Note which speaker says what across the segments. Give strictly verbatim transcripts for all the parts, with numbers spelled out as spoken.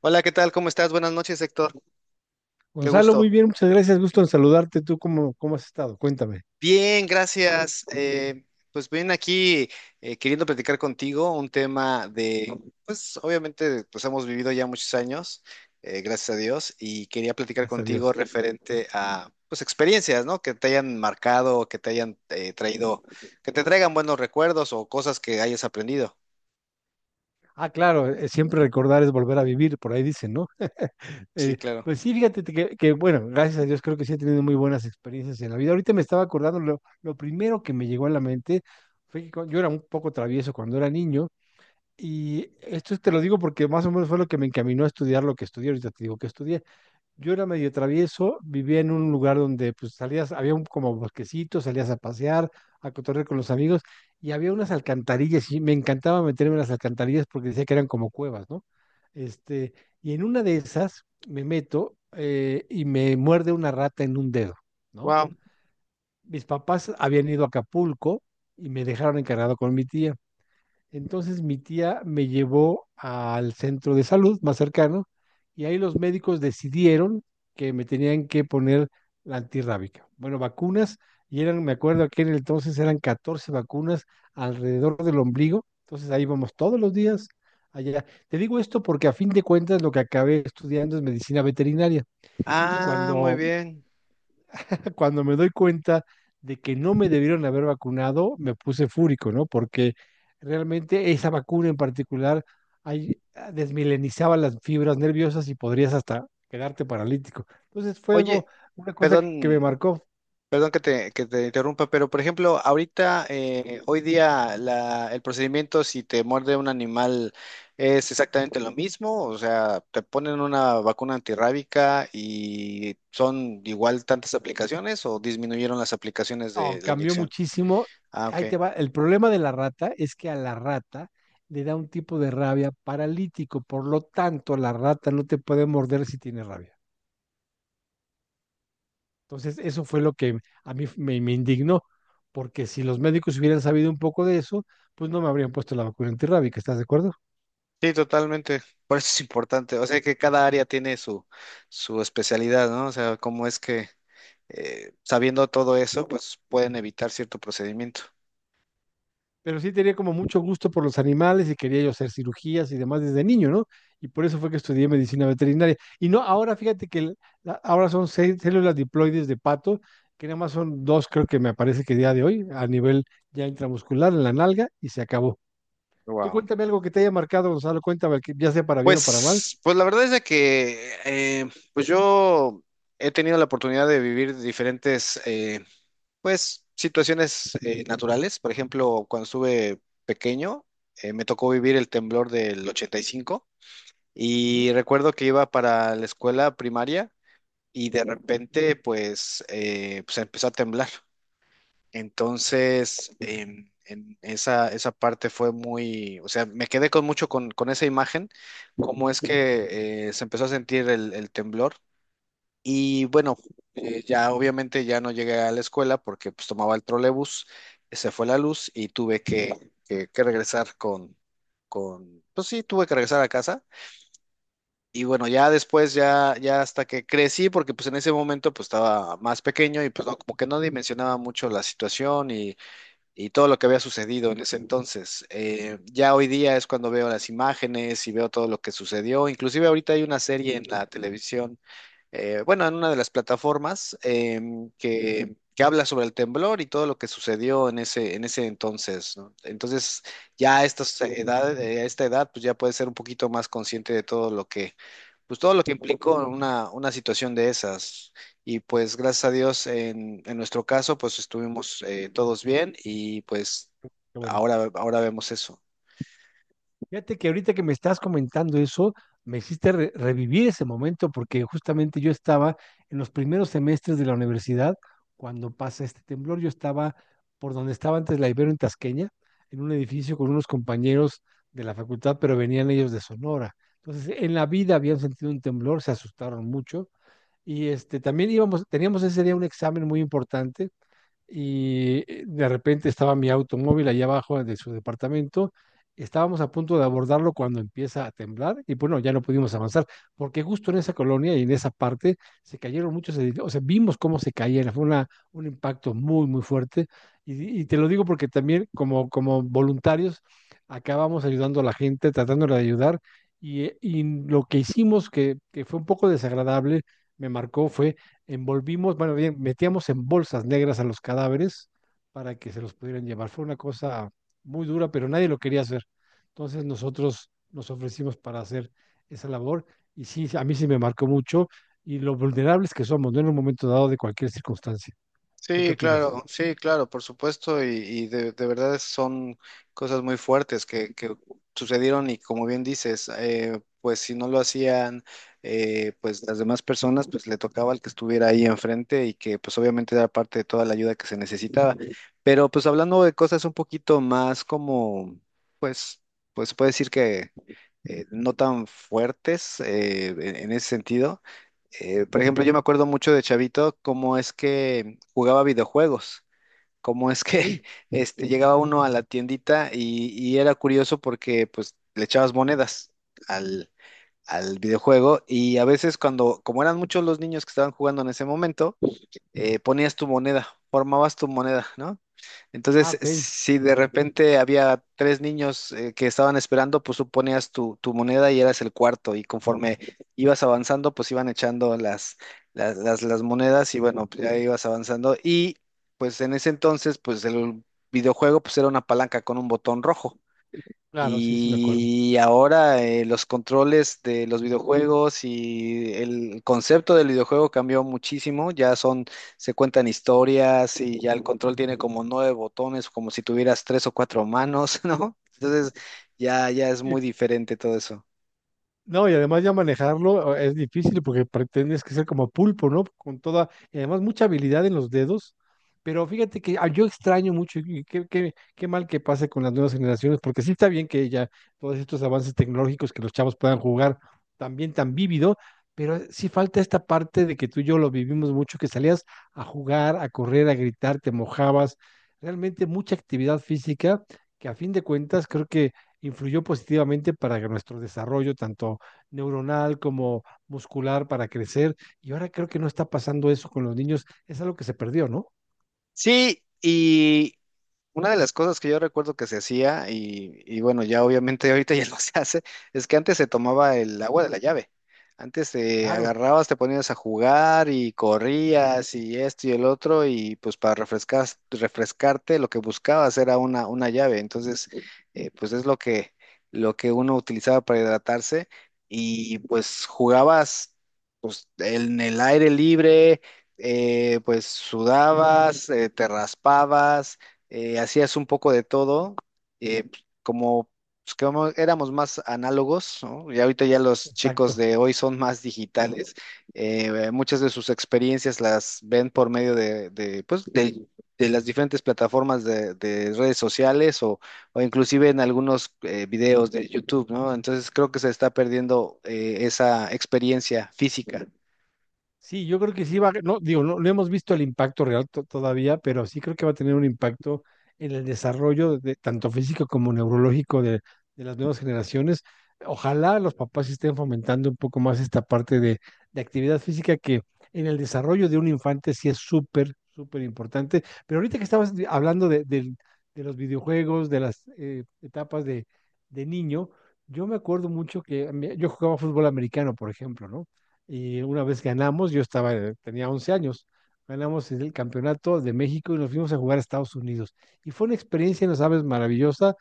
Speaker 1: Hola, ¿qué tal? ¿Cómo estás? Buenas noches, Héctor. Qué
Speaker 2: Gonzalo, muy
Speaker 1: gusto.
Speaker 2: bien, muchas gracias, gusto en saludarte. ¿Tú cómo, cómo has estado? Cuéntame.
Speaker 1: Bien, gracias. Eh, pues bien, aquí eh, queriendo platicar contigo un tema de, pues obviamente, pues hemos vivido ya muchos años, eh, gracias a Dios, y quería platicar
Speaker 2: Gracias a
Speaker 1: contigo
Speaker 2: Dios.
Speaker 1: referente a, pues, experiencias, ¿no? Que te hayan marcado, que te hayan eh, traído, que te traigan buenos recuerdos o cosas que hayas aprendido.
Speaker 2: Ah, claro, eh, eh, siempre recordar es volver a vivir, por ahí dicen, ¿no?
Speaker 1: Sí,
Speaker 2: Eh,
Speaker 1: claro.
Speaker 2: pues sí, fíjate que, que, bueno, gracias a Dios creo que sí he tenido muy buenas experiencias en la vida. Ahorita me estaba acordando, lo, lo primero que me llegó a la mente fue que cu- yo era un poco travieso cuando era niño, y esto te lo digo porque más o menos fue lo que me encaminó a estudiar lo que estudié. Ahorita te digo que estudié. Yo era medio travieso, vivía en un lugar donde pues salías, había un como bosquecito, salías a pasear, a cotorrear con los amigos, y había unas alcantarillas y me encantaba meterme en las alcantarillas porque decía que eran como cuevas, ¿no? Este, y en una de esas me meto eh, y me muerde una rata en un dedo, ¿no?
Speaker 1: Wow.
Speaker 2: Mis papás habían ido a Acapulco y me dejaron encargado con mi tía. Entonces mi tía me llevó al centro de salud más cercano y ahí los médicos decidieron que me tenían que poner la antirrábica. Bueno, vacunas, y eran, me acuerdo que en el entonces eran catorce vacunas alrededor del ombligo, entonces ahí vamos todos los días allá. Te digo esto porque a fin de cuentas lo que acabé estudiando es medicina veterinaria, y
Speaker 1: Ah, muy
Speaker 2: cuando
Speaker 1: bien.
Speaker 2: cuando me doy cuenta de que no me debieron haber vacunado, me puse fúrico, ¿no? Porque realmente esa vacuna en particular ay- ah, desmilenizaba las fibras nerviosas y podrías hasta quedarte paralítico. Entonces fue
Speaker 1: Oye,
Speaker 2: algo, una cosa que, que me
Speaker 1: perdón.
Speaker 2: marcó.
Speaker 1: Perdón que te, que te interrumpa, pero por ejemplo, ahorita, eh, hoy día, la, el procedimiento si te muerde un animal es exactamente lo mismo, o sea, te ponen una vacuna antirrábica y son igual tantas aplicaciones o disminuyeron las aplicaciones
Speaker 2: No,
Speaker 1: de la
Speaker 2: cambió
Speaker 1: inyección.
Speaker 2: muchísimo.
Speaker 1: Ah, ok.
Speaker 2: Ahí te va. El problema de la rata es que a la rata le da un tipo de rabia paralítico, por lo tanto, la rata no te puede morder si tiene rabia. Entonces, eso fue lo que a mí me, me indignó, porque si los médicos hubieran sabido un poco de eso, pues no me habrían puesto la vacuna antirrábica, ¿estás de acuerdo?
Speaker 1: Sí, totalmente. Por eso es importante. O sea que cada área tiene su, su especialidad, ¿no? O sea, cómo es que eh, sabiendo todo eso, pues pueden evitar cierto procedimiento.
Speaker 2: Pero sí tenía como mucho gusto por los animales y quería yo hacer cirugías y demás desde niño, ¿no? Y por eso fue que estudié medicina veterinaria. Y no, ahora fíjate que el- la- ahora son seis células diploides de pato, que nada más son dos, creo que me parece que día de hoy, a nivel ya intramuscular, en la nalga, y se acabó. Tú
Speaker 1: Wow.
Speaker 2: cuéntame algo que te haya marcado, Gonzalo, cuéntame, que ya sea para bien o para mal.
Speaker 1: Pues, pues la verdad es de que eh, pues yo he tenido la oportunidad de vivir diferentes eh, pues situaciones eh, naturales. Por ejemplo, cuando estuve pequeño, eh, me tocó vivir el temblor del ochenta y cinco y cinco
Speaker 2: Ujú.
Speaker 1: y recuerdo que iba para la escuela primaria y de repente pues, eh, pues empezó a temblar. Entonces, em, en esa, esa parte fue muy, o sea, me quedé con mucho con, con esa imagen, cómo es que eh, se empezó a sentir el, el temblor. Y bueno, eh, ya obviamente ya no llegué a la escuela porque pues tomaba el trolebús, se fue la luz y tuve que, que- que regresar con, con, pues sí, tuve que regresar a casa. Y bueno, ya después, ya, ya hasta que crecí, porque pues en ese momento pues estaba más pequeño y pues no, como que no dimensionaba mucho la situación y todo lo que había sucedido en ese entonces. Eh, ya hoy día es cuando veo las imágenes y veo todo lo que sucedió. Inclusive ahorita hay una serie en la televisión eh, bueno, en una de las plataformas em, que, que habla sobre el temblor y todo lo que sucedió en ese, en ese entonces, ¿no? Entonces, ya a estas edades, eh, a esta edad, pues ya puedes ser un poquito más consciente de todo lo que, pues todo lo que implicó una, una situación de esas. Y pues gracias a Dios, en, en nuestro caso, pues estuvimos eh, todos bien y pues
Speaker 2: Qué bueno.
Speaker 1: ahora, ahora vemos eso.
Speaker 2: Fíjate que ahorita que me estás comentando eso, me hiciste re- revivir ese momento porque justamente yo estaba en los primeros semestres de la universidad cuando pasa este temblor. Yo estaba por donde estaba antes la Ibero en Tasqueña, en un edificio con unos compañeros de la facultad, pero venían ellos de Sonora. Entonces, en la vida habían sentido un temblor, se asustaron mucho, y este también íbamos, teníamos ese día un examen muy importante, y eh, de repente estaba mi automóvil allá abajo de su departamento. Estábamos a punto de abordarlo cuando empieza a temblar y bueno, ya no pudimos avanzar porque justo en esa colonia y en esa parte se cayeron muchos edificios, o sea, vimos cómo se caían, fue una, un impacto muy, muy fuerte, y, y te lo digo porque también como, como voluntarios acabamos ayudando a la gente, tratándola de ayudar, y eh, y lo que hicimos que, que fue un poco desagradable, me marcó fue envolvimos, bueno, bien, metíamos en bolsas negras a los cadáveres para que se los pudieran llevar. Fue una cosa muy dura, pero nadie lo quería hacer. Entonces nosotros nos ofrecimos para hacer esa labor y sí, a mí sí me marcó mucho, y lo vulnerables que somos, no en un momento dado de cualquier circunstancia. ¿Tú qué
Speaker 1: Sí,
Speaker 2: opinas?
Speaker 1: claro, sí, claro, por supuesto, y, y de, de verdad son cosas muy fuertes que, que sucedieron y como bien dices, eh, pues si no lo hacían, eh, pues las demás personas, pues le tocaba al que estuviera ahí enfrente y que pues obviamente era parte de toda la ayuda que se necesitaba. Pero pues hablando de cosas un poquito más como, pues, pues se puede decir que eh, no tan fuertes eh, en en ese sentido. Eh, por ejemplo, yo me acuerdo mucho de Chavito, cómo es que jugaba videojuegos, cómo es que
Speaker 2: Ey.
Speaker 1: este, llegaba uno a la tiendita y, y era curioso porque pues le echabas monedas al, al videojuego y a veces cuando, como eran muchos los niños que estaban jugando en ese momento, eh, ponías tu moneda, formabas tu moneda, ¿no?
Speaker 2: Ah,
Speaker 1: Entonces,
Speaker 2: ok.
Speaker 1: si de repente había tres niños eh, que estaban esperando, pues tú ponías tu, tu moneda y eras el cuarto, y conforme ibas avanzando, pues iban echando las, las, las, las monedas y bueno, pues, ya ibas avanzando. Y pues en ese entonces, pues el videojuego pues era una palanca con un botón rojo.
Speaker 2: Claro, sí, sí me acuerdo.
Speaker 1: Y ahora eh, los controles de los videojuegos y el concepto del videojuego cambió muchísimo. Ya son, se cuentan historias y ya el control tiene como nueve botones, como si tuvieras tres o cuatro manos, ¿no? Entonces ya, ya es muy diferente todo eso.
Speaker 2: No, y además ya manejarlo eh, es difícil porque pretendes que ser como pulpo, ¿no? Con toda, y además mucha habilidad en los dedos, pero fíjate que ah, yo extraño mucho y qué, qué, qué mal que pase con las nuevas generaciones, porque sí está bien que ya todos estos avances tecnológicos que los chavos puedan jugar también tan vívido, pero sí falta esta parte de que tú y yo lo vivimos mucho, que salías a jugar, a correr, a gritar, te mojabas, realmente mucha actividad física que a fin de cuentas creo que influyó positivamente para nuestro desarrollo, tanto neuronal como muscular para crecer. Y ahora creo que no está pasando eso con los niños. Es algo que se perdió, ¿no?
Speaker 1: Sí. Una de las cosas que yo recuerdo que se hacía, y, y bueno, ya obviamente ahorita ya no se hace, es que antes se tomaba el agua de la llave. Antes te
Speaker 2: Claro.
Speaker 1: agarrabas, te ponías a jugar y corrías y esto y el otro, y pues para refrescar, refrescarte lo que buscabas era una, una llave. Entonces, eh, pues es lo que, lo que uno utilizaba para hidratarse y pues jugabas pues, en el aire libre, eh, pues sudabas, eh, te raspabas eh, hacías un poco de todo, eh, pues, como, pues, como éramos más análogos, ¿no? Y ahorita ya los chicos
Speaker 2: Exacto.
Speaker 1: de hoy son más digitales, eh, muchas de sus experiencias las ven por medio de, de, pues, de, de las diferentes plataformas de, de redes sociales o, o inclusive en algunos eh, videos de YouTube, ¿no? Entonces creo que se está perdiendo eh, esa experiencia física.
Speaker 2: Sí, yo creo que sí va, no, digo, no, no hemos visto el impacto real to- todavía, pero sí creo que va a tener un impacto en el desarrollo de, tanto físico como neurológico de, de las nuevas generaciones. Ojalá los papás estén fomentando un poco más esta parte de, de actividad física que en el desarrollo de un infante sí es súper, súper importante. Pero ahorita que estabas di- hablando de, del- de los videojuegos, de las eh, etapas de, de niño, yo me acuerdo mucho que a mí- yo jugaba fútbol americano, por ejemplo, ¿no? Y una vez ganamos, yo estaba, eh, tenía once años, ganamos el campeonato de México y nos fuimos a jugar a Estados Unidos. Y fue una experiencia, no sabes, maravillosa,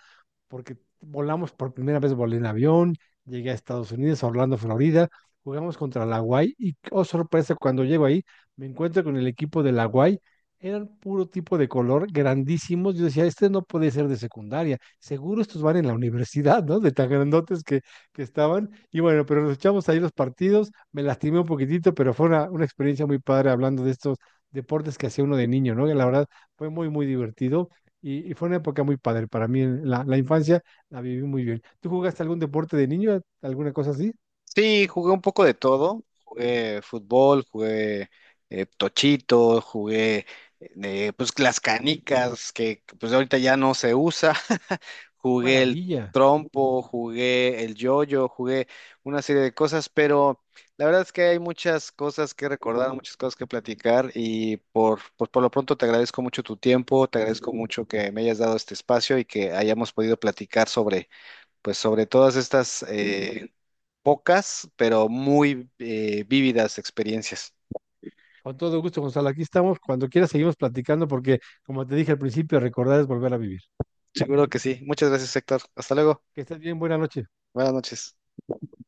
Speaker 2: porque volamos por primera vez, volé en avión, llegué a Estados Unidos, a Orlando, Florida, jugamos contra la Guay y, oh sorpresa, cuando llego ahí, me encuentro con el equipo de la Guay, eran puro tipo de color, grandísimos, yo decía, este no puede ser de secundaria, seguro estos van en la universidad, ¿no? De tan grandotes que, que estaban, y bueno, pero nos echamos ahí los partidos, me lastimé un poquitito, pero fue una, una experiencia muy padre hablando de estos deportes que hacía uno de niño, ¿no? Que la verdad fue muy, muy divertido y, y fue una época muy padre para mí. La, la infancia la viví muy bien. ¿Tú jugaste algún deporte de niño? ¿Alguna cosa así?
Speaker 1: Sí, jugué un poco de todo. Jugué fútbol, jugué eh, tochito, jugué eh, pues las canicas que que, pues ahorita ya no se usa.
Speaker 2: ¡Qué
Speaker 1: Jugué el
Speaker 2: maravilla!
Speaker 1: trompo, jugué el yoyo, jugué una serie de cosas, pero la verdad es que hay muchas cosas que recordar, muchas cosas que platicar y por, por, por lo pronto te agradezco mucho tu tiempo, te agradezco mucho que me hayas dado este espacio y que hayamos podido platicar sobre, pues sobre todas estas pocas, pero muy eh, vívidas experiencias.
Speaker 2: Con todo gusto, Gonzalo. Aquí estamos. Cuando quieras seguimos platicando porque, como te dije al principio, recordar es volver a vivir.
Speaker 1: Seguro que sí. Muchas gracias, Héctor. Hasta luego.
Speaker 2: Que estés bien. Buenas noches.
Speaker 1: Buenas noches.